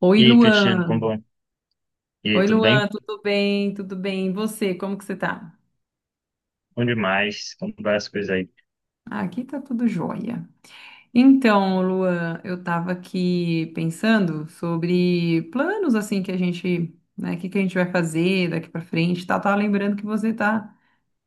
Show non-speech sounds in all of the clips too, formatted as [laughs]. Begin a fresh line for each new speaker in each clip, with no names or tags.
Oi,
E aí, Cristiano, como
Luan.
bom? E aí,
Oi,
tudo
Luan,
bem?
tudo bem? Tudo bem? E você, como que você tá?
Bom demais, como várias coisas aí.
Ah, aqui tá tudo jóia. Então, Luan, eu tava aqui pensando sobre planos assim que a gente, né, o que que a gente vai fazer daqui pra frente, tá? Tava lembrando que você tá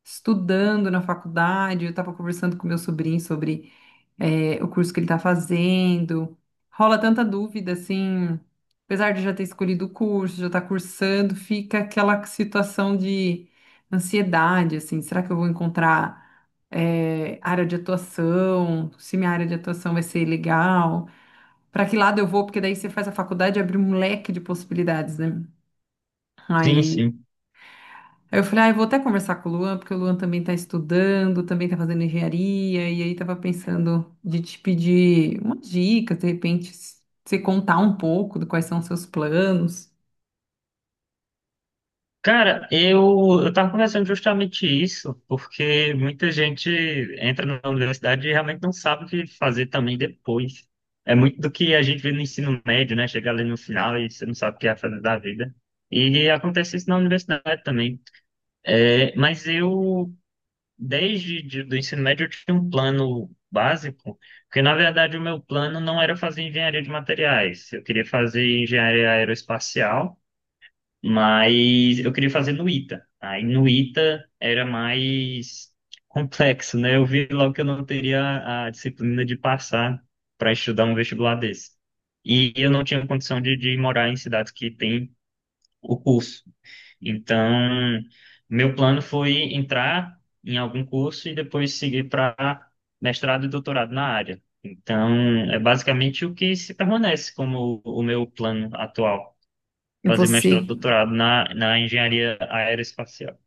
estudando na faculdade, eu tava conversando com meu sobrinho sobre o curso que ele está fazendo. Rola tanta dúvida, assim, apesar de já ter escolhido o curso, já estar cursando, fica aquela situação de ansiedade, assim, será que eu vou encontrar área de atuação? Se minha área de atuação vai ser legal? Para que lado eu vou? Porque daí você faz a faculdade e abre um leque de possibilidades, né?
Sim,
Aí
sim.
Aí eu falei, ah, eu vou até conversar com o Luan, porque o Luan também está estudando, também está fazendo engenharia, e aí estava pensando de te pedir umas dicas, de repente, você contar um pouco de quais são os seus planos.
Cara, eu tava conversando justamente isso, porque muita gente entra na universidade e realmente não sabe o que fazer também depois. É muito do que a gente vê no ensino médio, né? Chegar ali no final e você não sabe o que é fazer da vida. E acontece isso na universidade também. É, mas eu, desde do ensino médio eu tinha um plano básico, porque na verdade o meu plano não era fazer engenharia de materiais, eu queria fazer engenharia aeroespacial, mas eu queria fazer no ITA. Aí no ITA era mais complexo, né? Eu vi logo que eu não teria a disciplina de passar para estudar um vestibular desse. E eu não tinha condição de morar em cidades que tem o curso. Então, meu plano foi entrar em algum curso e depois seguir para mestrado e doutorado na área. Então, é basicamente o que se permanece como o meu plano atual,
E
fazer mestrado e
você,
doutorado na engenharia aeroespacial.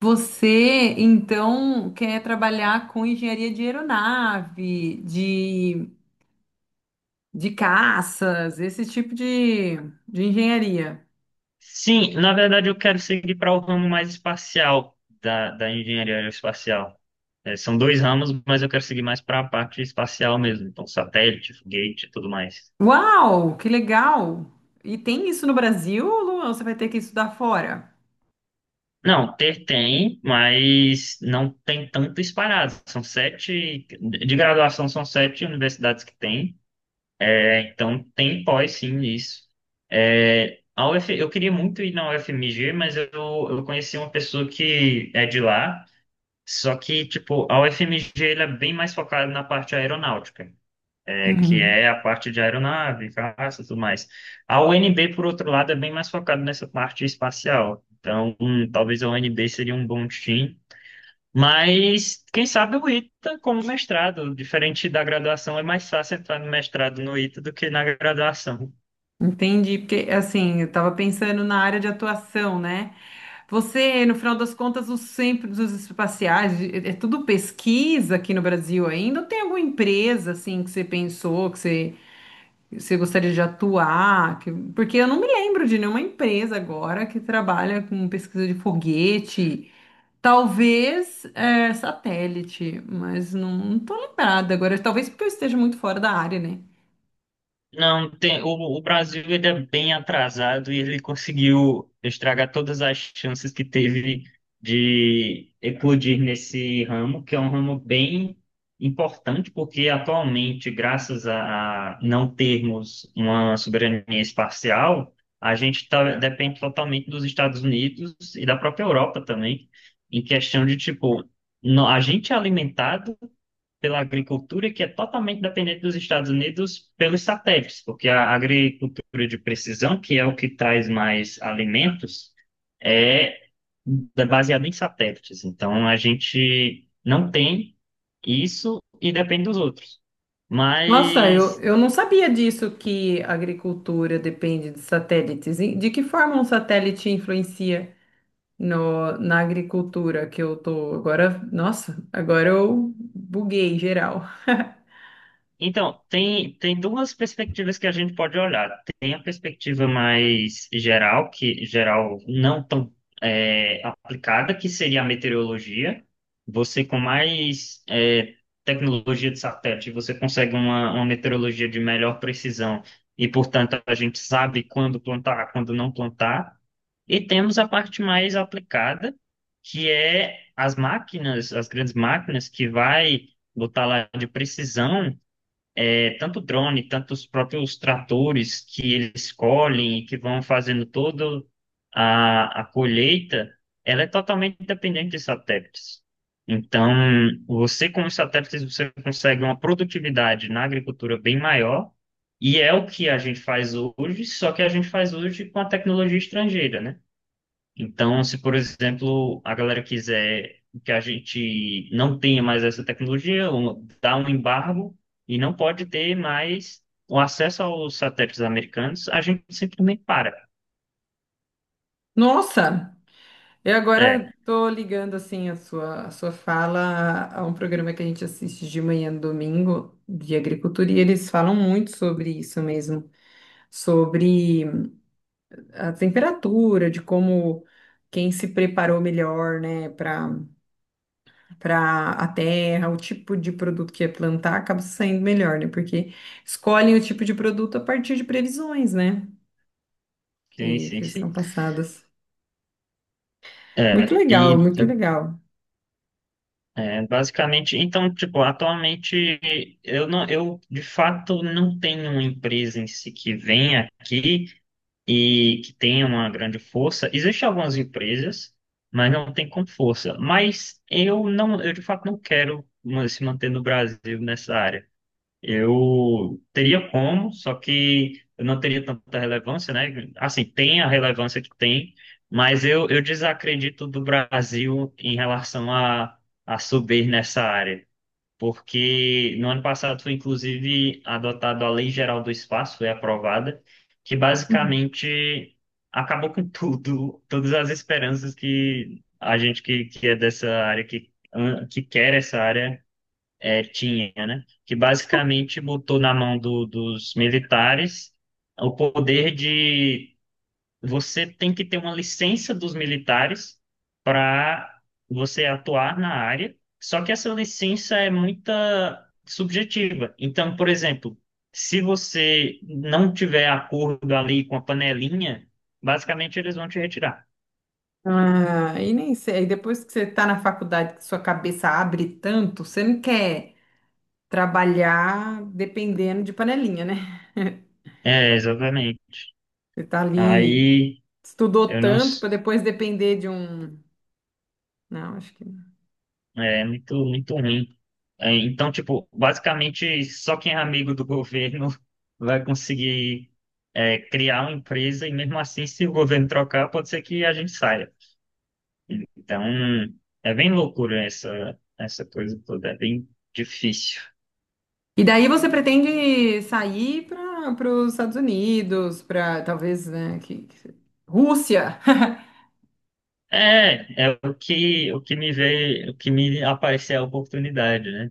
você então quer trabalhar com engenharia de aeronave, de caças, esse tipo de engenharia.
Sim, na verdade eu quero seguir para o ramo mais espacial da engenharia aeroespacial. É, são dois ramos, mas eu quero seguir mais para a parte espacial mesmo, então satélite, foguete e tudo mais.
Uau, que legal! E tem isso no Brasil, Luan? Você vai ter que estudar fora?
Não, ter tem, mas não tem tanto espalhado. São sete, de graduação são sete universidades que tem, é, então tem pós sim isso. É, a UF, eu queria muito ir na UFMG, mas eu conheci uma pessoa que é de lá, só que, tipo, a UFMG ela é bem mais focada na parte aeronáutica, que é
Uhum.
a parte de aeronave, caça e tudo mais. A UNB, por outro lado, é bem mais focada nessa parte espacial. Então, talvez a UNB seria um bom time. Mas quem sabe o ITA como mestrado, diferente da graduação, é mais fácil entrar no mestrado no ITA do que na graduação.
Entendi, porque assim, eu estava pensando na área de atuação, né? Você, no final das contas, os centros espaciais, é tudo pesquisa aqui no Brasil ainda? Ou tem alguma empresa assim que você pensou, que você gostaria de atuar? Porque eu não me lembro de nenhuma empresa agora que trabalha com pesquisa de foguete, talvez satélite, mas não, não tô lembrada agora, talvez porque eu esteja muito fora da área, né?
Não, tem, o Brasil ele é bem atrasado e ele conseguiu estragar todas as chances que teve de eclodir nesse ramo, que é um ramo bem importante, porque atualmente, graças a não termos uma soberania espacial, a gente tá, depende totalmente dos Estados Unidos e da própria Europa também, em questão de, tipo, a gente é alimentado pela agricultura, que é totalmente dependente dos Estados Unidos pelos satélites, porque a agricultura de precisão, que é o que traz mais alimentos, é baseada em satélites. Então, a gente não tem isso e depende dos outros.
Nossa, eu,
Mas
eu não sabia disso que a agricultura depende de satélites. E de que forma um satélite influencia no, na agricultura que eu tô agora? Nossa, agora eu buguei geral.
então, tem duas perspectivas que a gente pode olhar. Tem a perspectiva mais geral, que geral não tão, aplicada, que seria a meteorologia. Você com mais, tecnologia de satélite, você consegue uma meteorologia de melhor precisão e, portanto, a gente sabe quando plantar, quando não plantar. E temos a parte mais aplicada, que é as máquinas, as grandes máquinas que vai botar lá de precisão, tanto drone, tanto os próprios tratores que eles colhem e que vão fazendo toda a colheita, ela é totalmente dependente de satélites. Então, você com os satélites, você consegue uma produtividade na agricultura bem maior, e é o que a gente faz hoje, só que a gente faz hoje com a tecnologia estrangeira, né? Então, se, por exemplo, a galera quiser que a gente não tenha mais essa tecnologia, dá um embargo e não pode ter mais o acesso aos satélites americanos, a gente simplesmente para.
Nossa, eu
É,
agora tô ligando assim a sua fala a um programa que a gente assiste de manhã no domingo de agricultura e eles falam muito sobre isso mesmo, sobre a temperatura, de como quem se preparou melhor, né, para a terra, o tipo de produto que ia plantar acaba saindo melhor, né? Porque escolhem o tipo de produto a partir de previsões, né,
sim,
que,
sim,
que são
sim.
passadas.
É,
Muito legal, muito
e
legal.
é, basicamente, então, tipo, atualmente eu não, eu de fato não tenho uma empresa em si que vem aqui e que tenha uma grande força. Existem algumas empresas, mas não tem com força. Mas eu não, eu de fato não quero se manter no Brasil nessa área. Eu teria como, só que eu não teria tanta relevância, né? Assim, tem a relevância que tem, mas eu desacredito do Brasil em relação a subir nessa área. Porque no ano passado foi inclusive adotada a Lei Geral do Espaço, foi aprovada, que
Uhum.
basicamente acabou com [laughs] tudo, todas as esperanças que a gente que é dessa área, que quer essa área, tinha, né? Que basicamente botou na mão dos militares o poder de você tem que ter uma licença dos militares para você atuar na área. Só que essa licença é muito subjetiva. Então, por exemplo, se você não tiver acordo ali com a panelinha, basicamente eles vão te retirar.
Ah, e nem sei, aí depois que você está na faculdade, que sua cabeça abre tanto, você não quer trabalhar dependendo de panelinha, né?
É, exatamente.
Você está ali,
Aí
estudou
eu não.
tanto para depois depender de um. Não, acho que não.
É muito, muito ruim. É, então, tipo, basicamente, só quem é amigo do governo [laughs] vai conseguir, criar uma empresa e mesmo assim, se o governo trocar, pode ser que a gente saia. Então, é bem loucura essa coisa toda, é bem difícil.
E daí você pretende sair para os Estados Unidos, para talvez, né, Rússia. [laughs]
É, é o que me veio, o que me aparece é a oportunidade, né?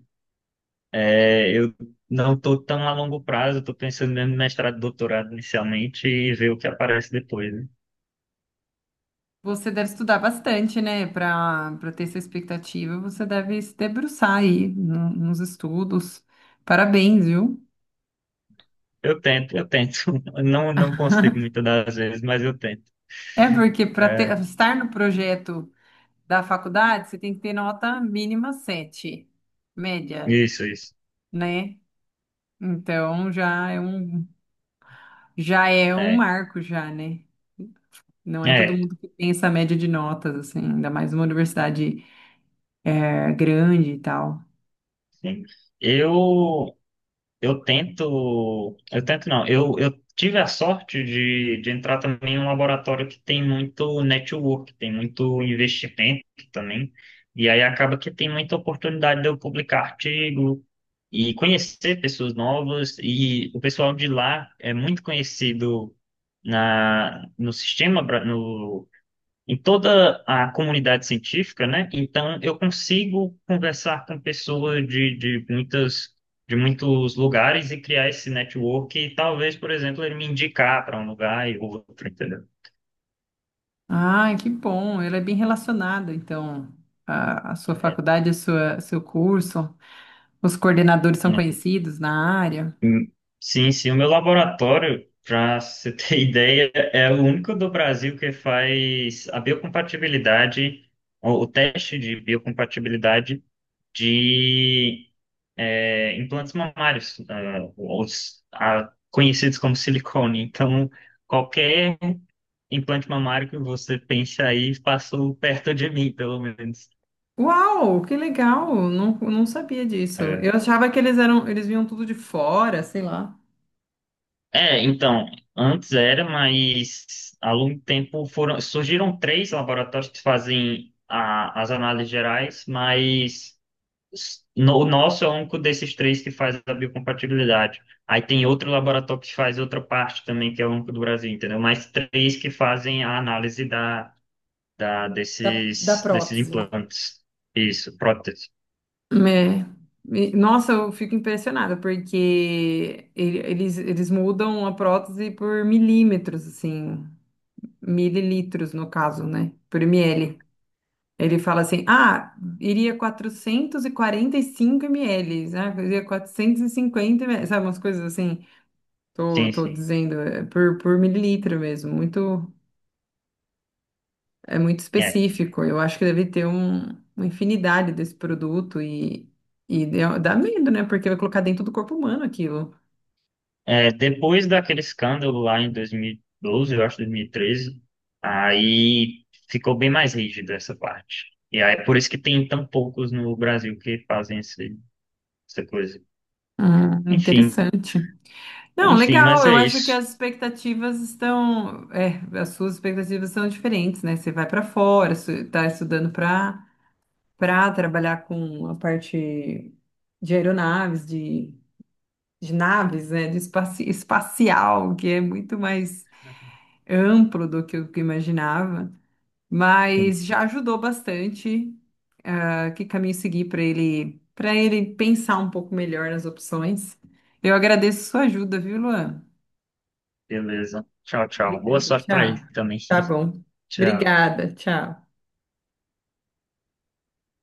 É, eu não estou tão a longo prazo, estou pensando mesmo em mestrado, doutorado inicialmente e ver o que aparece depois.
Você deve estudar bastante, né, para ter essa expectativa. Você deve se debruçar aí nos estudos. Parabéns, viu?
Eu tento, eu tento. [laughs] Não, não consigo muitas das vezes, mas eu tento.
É porque para
É,
estar no projeto da faculdade, você tem que ter nota mínima 7, média,
isso, isso.
né? Então já é um
É,
marco já, né? Não é todo
é,
mundo que tem essa média de notas, assim, ainda mais uma universidade grande e tal.
sim. Eu, eu tento, eu tento não. Eu tive a sorte de entrar também em um laboratório que tem muito network, tem muito investimento também. E aí acaba que tem muita oportunidade de eu publicar artigo e conhecer pessoas novas. E o pessoal de lá é muito conhecido na, no sistema, no em toda a comunidade científica, né? Então eu consigo conversar com pessoas de muitas de muitos lugares e criar esse network e talvez, por exemplo, ele me indicar para um lugar e outro, entendeu?
Ah, que bom! Ela é bem relacionada, então, a sua
É,
faculdade, a sua, seu curso. Os coordenadores são conhecidos na área.
e- sim, sim, o meu laboratório, para você ter [laughs] ideia, é o único do Brasil que faz a biocompatibilidade, o teste de biocompatibilidade de, implantes mamários, os conhecidos como silicone. Então, qualquer implante mamário que você pense aí passou perto de mim, pelo menos.
Uau, que legal! Não, não sabia disso.
É,
Eu achava que eles eram, eles vinham tudo de fora, sei lá.
É, então, antes era, mas há longo tempo foram, surgiram três laboratórios que fazem as análises gerais, mas o nosso é o único desses três que faz a biocompatibilidade. Aí tem outro laboratório que faz outra parte também, que é o único do Brasil, entendeu? Mas três que fazem a análise
Da
desses, desses
prótese.
implantes. Isso, prótese.
É. E, nossa, eu fico impressionada, porque eles mudam a prótese por milímetros, assim, mililitros no caso, né? Por ml. Ele fala assim, ah, iria quatrocentos e quarenta e cinco ml, iria 450 ml, sabe, umas coisas assim, tô,
Sim,
tô
sim.
dizendo, por mililitro mesmo, muito, é muito
É.
específico. Eu acho que deve ter uma infinidade desse produto e dá medo, né? Porque vai colocar dentro do corpo humano aquilo.
É, depois daquele escândalo lá em 2012, eu acho, 2013, aí ficou bem mais rígido essa parte. E aí é por isso que tem tão poucos no Brasil que fazem essa coisa. Enfim,
Interessante. Não,
enfim,
legal.
mas é
Eu acho que
isso.
as expectativas estão, as suas expectativas são diferentes, né? Você vai para fora, está estudando para trabalhar com a parte de aeronaves, de naves, né? De espacial, que é muito mais amplo do que eu imaginava.
Sim,
Mas já
sim.
ajudou bastante que caminho seguir para ele, pensar um pouco melhor nas opções. Eu agradeço sua ajuda, viu, Luan?
Beleza. Tchau, tchau. Boa
Obrigada,
sorte pra
tchau.
ele também.
Tá
[laughs]
bom.
Tchau.
Obrigada, tchau.